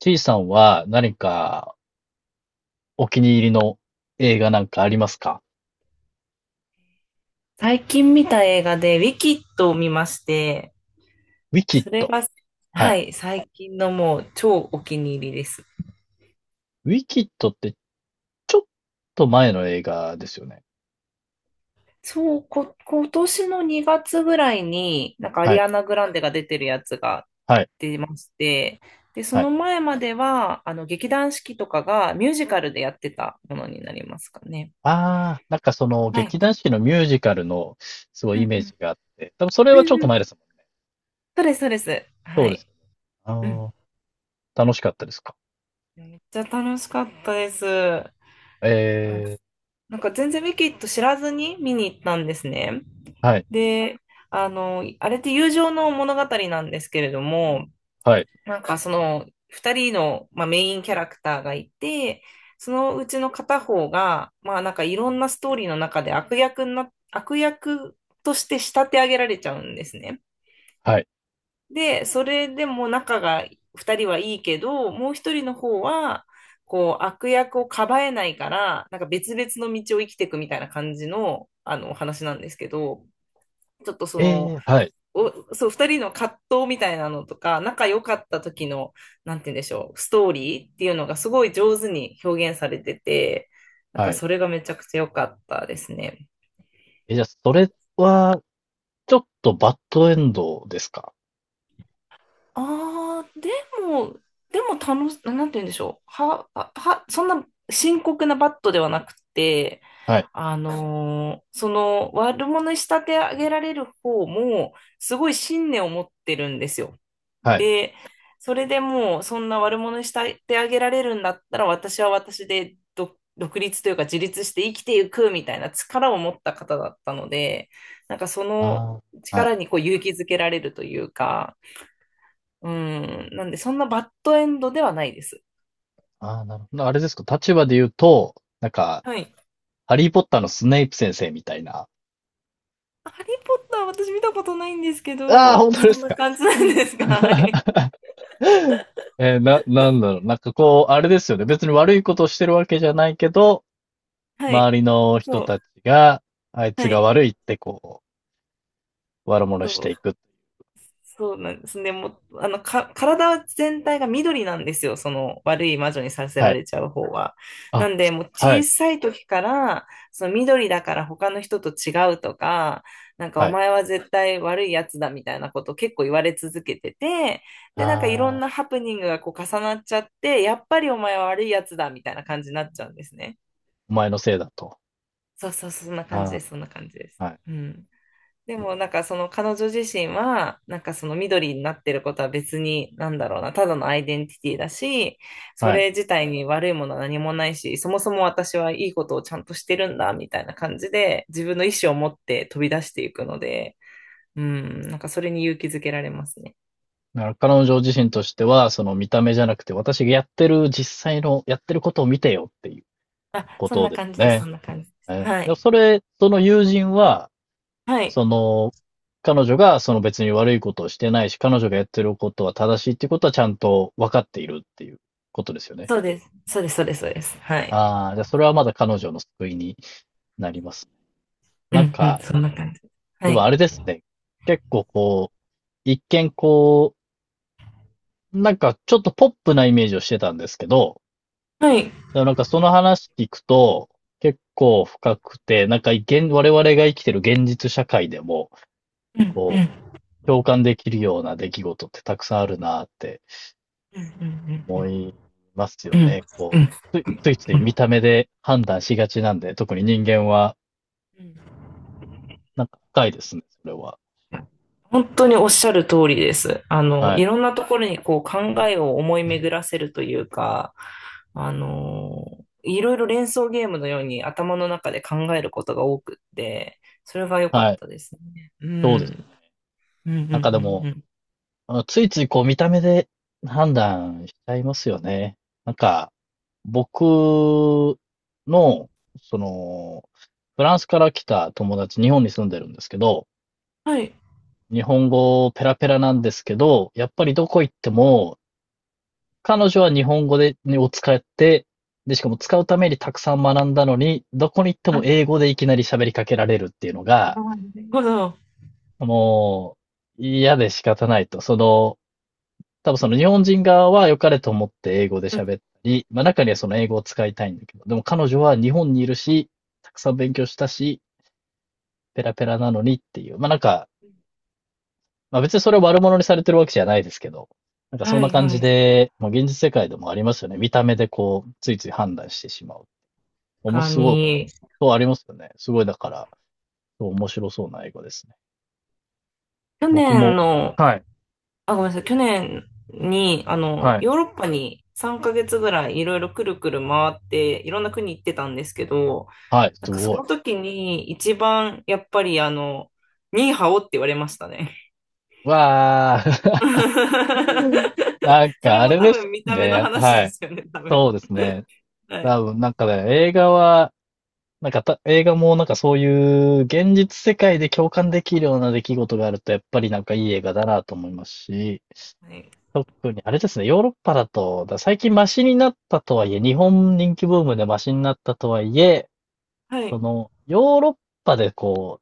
T さんは何かお気に入りの映画なんかありますか？最近見た映画で、ウィキッドを見まして、ウィキッそれド。が、ははい。い、最近のもう超お気に入りです。ウィキッドってちょっと前の映画ですよね。そう、今年の2月ぐらいに、なんかアはリい。アナ・グランデが出てるやつがはい。出まして、で、そはい。の前までは、劇団四季とかがミュージカルでやってたものになりますかね。ああ、なんかそのはい。劇団四季のミュージカルのすごういんイうメーん。ジがあって、多分それうはちょっんうと前でん。すもん。そうです、そうです。そはうですい。よね。うん。ああ、楽しかったですか？めっちゃ楽しかったです。ええ、なんか全然ウィキッド知らずに見に行ったんですね。はい。で、あれって友情の物語なんですけれども、はい。なんかその2人の、まあ、メインキャラクターがいて、そのうちの片方が、まあなんかいろんなストーリーの中で悪役として仕立て上げられちゃうんですね。はい。で、それでも仲が2人はいいけど、もう1人の方は、こう、悪役をかばえないから、なんか別々の道を生きていくみたいな感じの、お話なんですけど、ちょっとええ、はい。そう、2人の葛藤みたいなのとか、仲良かった時の、なんて言うんでしょう、ストーリーっていうのがすごい上手に表現されてて、なんはかい。それがめちゃくちゃ良かったですね。え、じゃあそれはちょっとバッドエンドですか？ああ、も、でもなんて言うんでしょう。は、は、はそんな深刻なバットではなくて、はい。その悪者に仕立て上げられる方も、すごい信念を持ってるんですよ。はい。で、それでもう、そんな悪者に仕立て上げられるんだったら、私は私で独立というか自立して生きていくみたいな力を持った方だったので、なんかそのああ、は力い。にこう勇気づけられるというか、うん。なんで、そんなバッドエンドではないです。ああ、なるほど。あれですか、立場で言うと、なんか、はい。ハリー・ポッターのスネイプ先生みたいな。ハリー・ポッター私見たことないんですけああ、ど、本当でそんすなか。感じなんですか？はい。なんだろう。なんかこう、あれですよね。別に悪いことをしてるわけじゃないけど、はい。周りの人そう。たちが、あいつはがい。悪いってこう、悪者していく。そうなんですね。もう、体全体が緑なんですよ。その悪い魔女にさせはらい。れちゃう方は。なあ、んで、もうは小い。さい時から、その緑だから他の人と違うとか、なんかおはい。前は絶対悪いやつだみたいなことを結構言われ続けてて、で、なんかいろんあなあ、ハプニングがこう重なっちゃって、やっぱりお前は悪いやつだみたいな感じになっちゃうんですね。お前のせいだと。そうそう、そんな感じであす。そんな感じです。あ、はい。うん。でもなんかその彼女自身はなんかその緑になってることは別に、なんだろうな、ただのアイデンティティだし、そはい。れ自体に悪いものは何もないし、そもそも私はいいことをちゃんとしてるんだみたいな感じで自分の意思を持って飛び出していくので、うん、なんかそれに勇気づけられますね。だから彼女自身としては、その見た目じゃなくて、私がやってる実際の、やってることを見てよっていうあ、こそんとなです感よじです。そね。んな感じです。はでもそい。れ、その友人は、はい。その、彼女がその別に悪いことをしてないし、彼女がやってることは正しいっていうことはちゃんと分かっているっていうことですよね。そうです、そうです、そうです、そうです、はい。ああ、じゃあそれはまだ彼女の救いになりますね。うなんんうん、か、そんな感じ。はでもあれい。ですね。結構こう、一見こう、なんかちょっとポップなイメージをしてたんですけど、はい。だからなんかその話聞くと、結構深くて、なんか現、我々が生きてる現実社会でも、うんうこんう、共感できるような出来事ってたくさんあるなってうんうんう思んいますうよんうんね。こう、ついついつういん見た目で判断しがちなんで、特に人間は、うん。なんか深いですね、それは。本当におっしゃる通りです。はいい。ろんなところにこう考えを思い巡らせるというか、あの、いろいろ連想ゲームのように頭の中で考えることが多くって、それが良かっはい。たですね。うそうですよん。ね。うんうんうんなんかでも、うん。あのついついこう見た目で判断しちゃいますよね。なんか、僕の、その、フランスから来た友達、日本に住んでるんですけど、はい。日本語ペラペラなんですけど、やっぱりどこ行っても、彼女は日本語で、を使って、で、しかも使うためにたくさん学んだのに、どこに行ってはもい。英語でいきなり喋りかけられるっていうのあーが、なるほど。もう、嫌で仕方ないと。その、多分その日本人側は良かれと思って英語でうん。喋ったり、まあ中にはその英語を使いたいんだけど、でも彼女は日本にいるし、たくさん勉強したし、ペラペラなのにっていう、まあなんか、まあ別にそれを悪者にされてるわけじゃないですけど、なんかそんはない、感はじい。確で、まあ現実世界でもありますよね。見た目でこう、ついつい判断してしまう。面か白い、に、そうありますよね。すごいだから、そう面白そうな英語ですね。去僕年も、の、はい。あ、ごめんなさい、去年に、はい。ヨーロッパに3ヶ月ぐらいいろいろくるくる回って、いろんな国行ってたんですけど、はい、なすんかそごい。の時に一番やっぱりニーハオって言われましたね。わ ー。なんそかれあもれ多です分見た目のね。話ではい。すよね、多分。そうですね。はい。多分なんかね、映画は、なんかた、映画もなんかそういう現実世界で共感できるような出来事があると、やっぱりなんかいい映画だなと思いますし、はい。特にあれですね、ヨーロッパだと、最近マシになったとはいえ、日本人気ブームでマシになったとはいえ、はそい。の、ヨーロッパでこ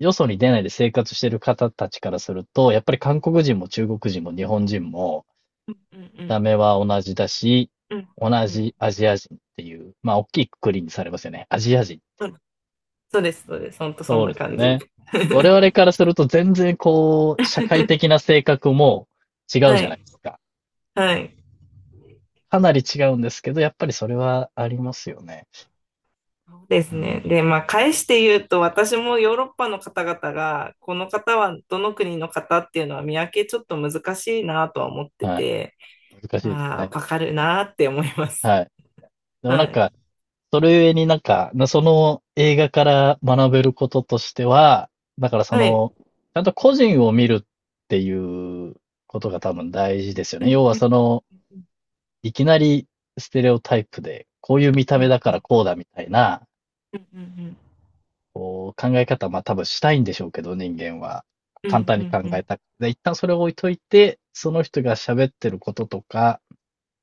う、よそに出ないで生活してる方たちからすると、やっぱり韓国人も中国人も日本人も、うん見うた目は同じだし、ん。うんう同んうん。じアジア人っていう、まあ、大きい括りにされますよね。アジア人っていうう。ん、そうです、そうです。ほんとそそんうでなす感じ。ね。我々か らすると全然こう、社会的な性格も違うはじゃないでい。すか。はい。かなり違うんですけど、やっぱりそれはありますよね。そうですうね。ん。で、まあ、返して言うと、私もヨーロッパの方々が、この方はどの国の方っていうのは見分けちょっと難しいなとは思ってはい。て、難しいですああ、わね。かるなーって思います。はい。でもなはんい。か、それゆえになんか、その映画から学べることとしては、だからそはい。の、ちゃんと個人を見るっていうことが多分大事ですようね。ん、要はその、いきなりステレオタイプで、こういう見たう目ん、だうからん、こうだみたいな、うん、こう考え方、まあ多分したいんでしょうけど、人間は。う簡ん、単うに考ん、うん、うえん、たくて。で一旦それを置いといて、その人が喋ってることとか、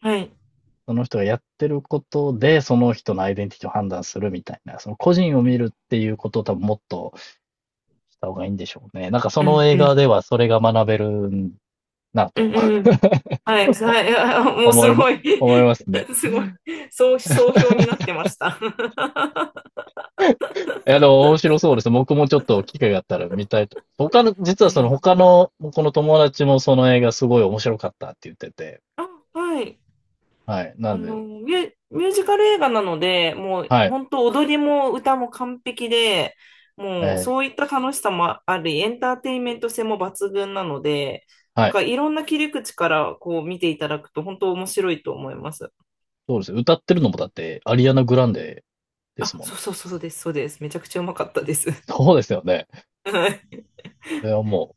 はい。その人がやってることで、その人のアイデンティティを判断するみたいな、その個人をう見ん、るっていうことを多分もっとした方がいいんでしょうね。なんかそうのん、映画ではそれが学べるなうとん、うん。はい、はい、あ、もう思すいま、ごい。 思いますね。すごい、そう、総評になっ てました。いや、でも面白そうです。僕もちょっと機会があったら見たいと。他の、実はぜそのひ。他の、この友達もその映画すごい面白かったって言ってて。あ、はい。はい。なんで、ミュージカル映画なので、もうはい。本当踊りも歌も完璧で、もうえそういーった楽しさもあり、エンターテインメント性も抜群なので、はなんい。かいろんな切り口からこう見ていただくと本当面白いと思います。そうです。歌ってるのもだって、アリアナ・グランデですあ、もんそね。うそう、そうです、そうです。めちゃくちゃうまかったです。そうですよね。はい。これはもう、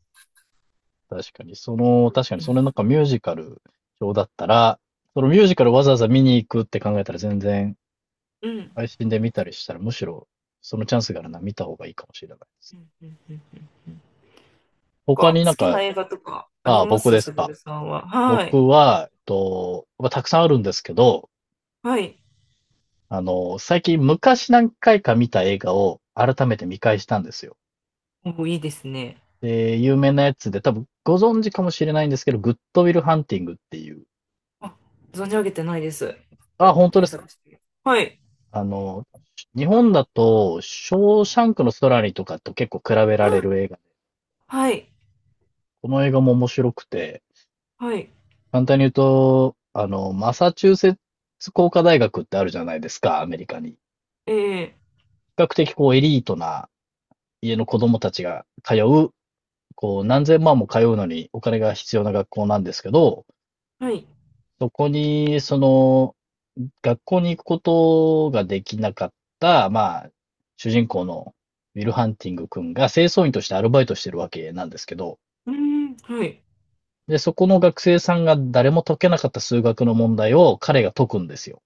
確かに、その、確かうに、それん。なんかミュージカル表だったら、そのミュージカルわざわざ見に行くって考えたら全然、うん配信で見たりしたら、むしろ、そのチャンスがあるなら見た方がいいかもしれないでうす。んうんうん。他に好なんきか、な映画とかありああ、ま僕すですすぐか。るさんは？はい。僕は、えっと、まあ、たくさんあるんですけど、はい。あの、最近昔何回か見た映画を改めて見返したんですよ。お、いいですね。で、有名なやつで、多分ご存知かもしれないんですけど、グッドウィルハンティングっていう。あ、存じ上げてないです。ちょっあ、と本当で検す。索して。はい。あの、日本だと、ショーシャンクの空にとかと結構比べられあ、る映画で、はい。この映画も面白くて、はい。簡単に言うと、あの、マサチューセッツ工科大学ってあるじゃないですか、アメリカに。比え較的こうエリートな家の子供たちが通う、こう何千万も通うのにお金が必要な学校なんですけど、はい。そこに、その、学校に行くことができなかった、まあ、主人公のウィル・ハンティング君が清掃員としてアルバイトしてるわけなんですけど、うーん、はい。で、そこの学生さんが誰も解けなかった数学の問題を彼が解くんですよ。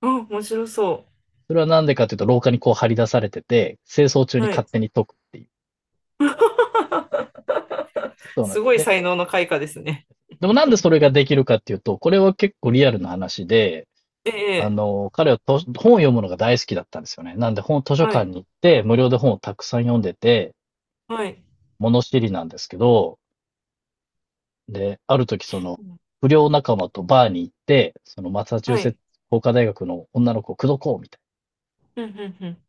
あ、面白そそれはなんでかというと、廊下にこう張り出されてて、清掃中う。には勝い。手に解くっていう。そうなんすごいで、才能の開花ですね。でもなんでそれができるかっていうと、これは結構リアルな話で、えあえ、の、彼は本を読むのが大好きだったんですよね。なんで本、図書は館にい。行って、無料で本をたくさん読んでて、はい。物知りなんですけど、で、ある時その、不良仲間とバーに行って、そのマサチューはセッツい。工科大学の女の子を口説こうみたいうん、うん、うん。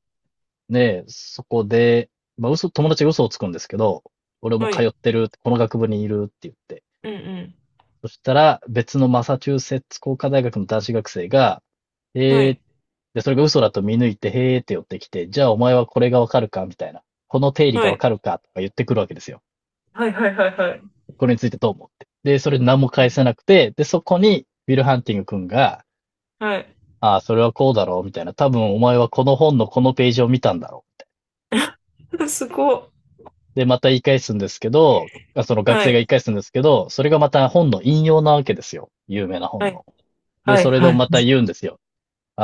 な。で、そこで、まあ嘘、友達が嘘をつくんですけど、俺もは通っい。てるって、この学部にいるって言って。うん、うそしたら、別のマサチューセッツ工科大学の男子学生が、ん。はへーい。で、それが嘘だと見抜いて、へーって寄ってきて、じゃあお前はこれがわかるかみたいな。この定理がはわい。かるかとか言ってくるわけですよ。はい、はい、はい、はい。これについてどう思って。で、それ何もう返ん、せなくて、で、そこに、ウィル・ハンティング君が、はい。ああ、それはこうだろう、みたいな。多分お前はこの本のこのページを見たんだろ すごい。う。で、また言い返すんですけど、その学は生がい。言い返すんですけど、それがまた本の引用なわけですよ。有名なは本い。の。で、はい、それではい。また言うんですよ。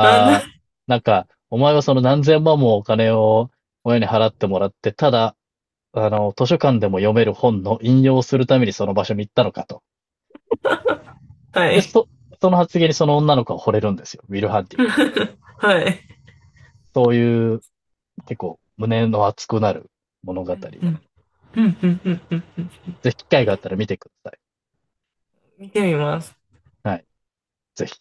あ、あ、なんか、お前はその何千万もお金を親に払ってもらって、ただ、あの、図書館でも読める本の引用をするためにその場所に行ったのかと。はで、い。その発言にその女の子は惚れるんですよ。ウィル・ハンティング君。はい。そういう、結構、胸の熱くなる物語。うん、ぜうん、うん、うん。うん、ひ機会があったら見てください。見てみます。はい。ぜひ。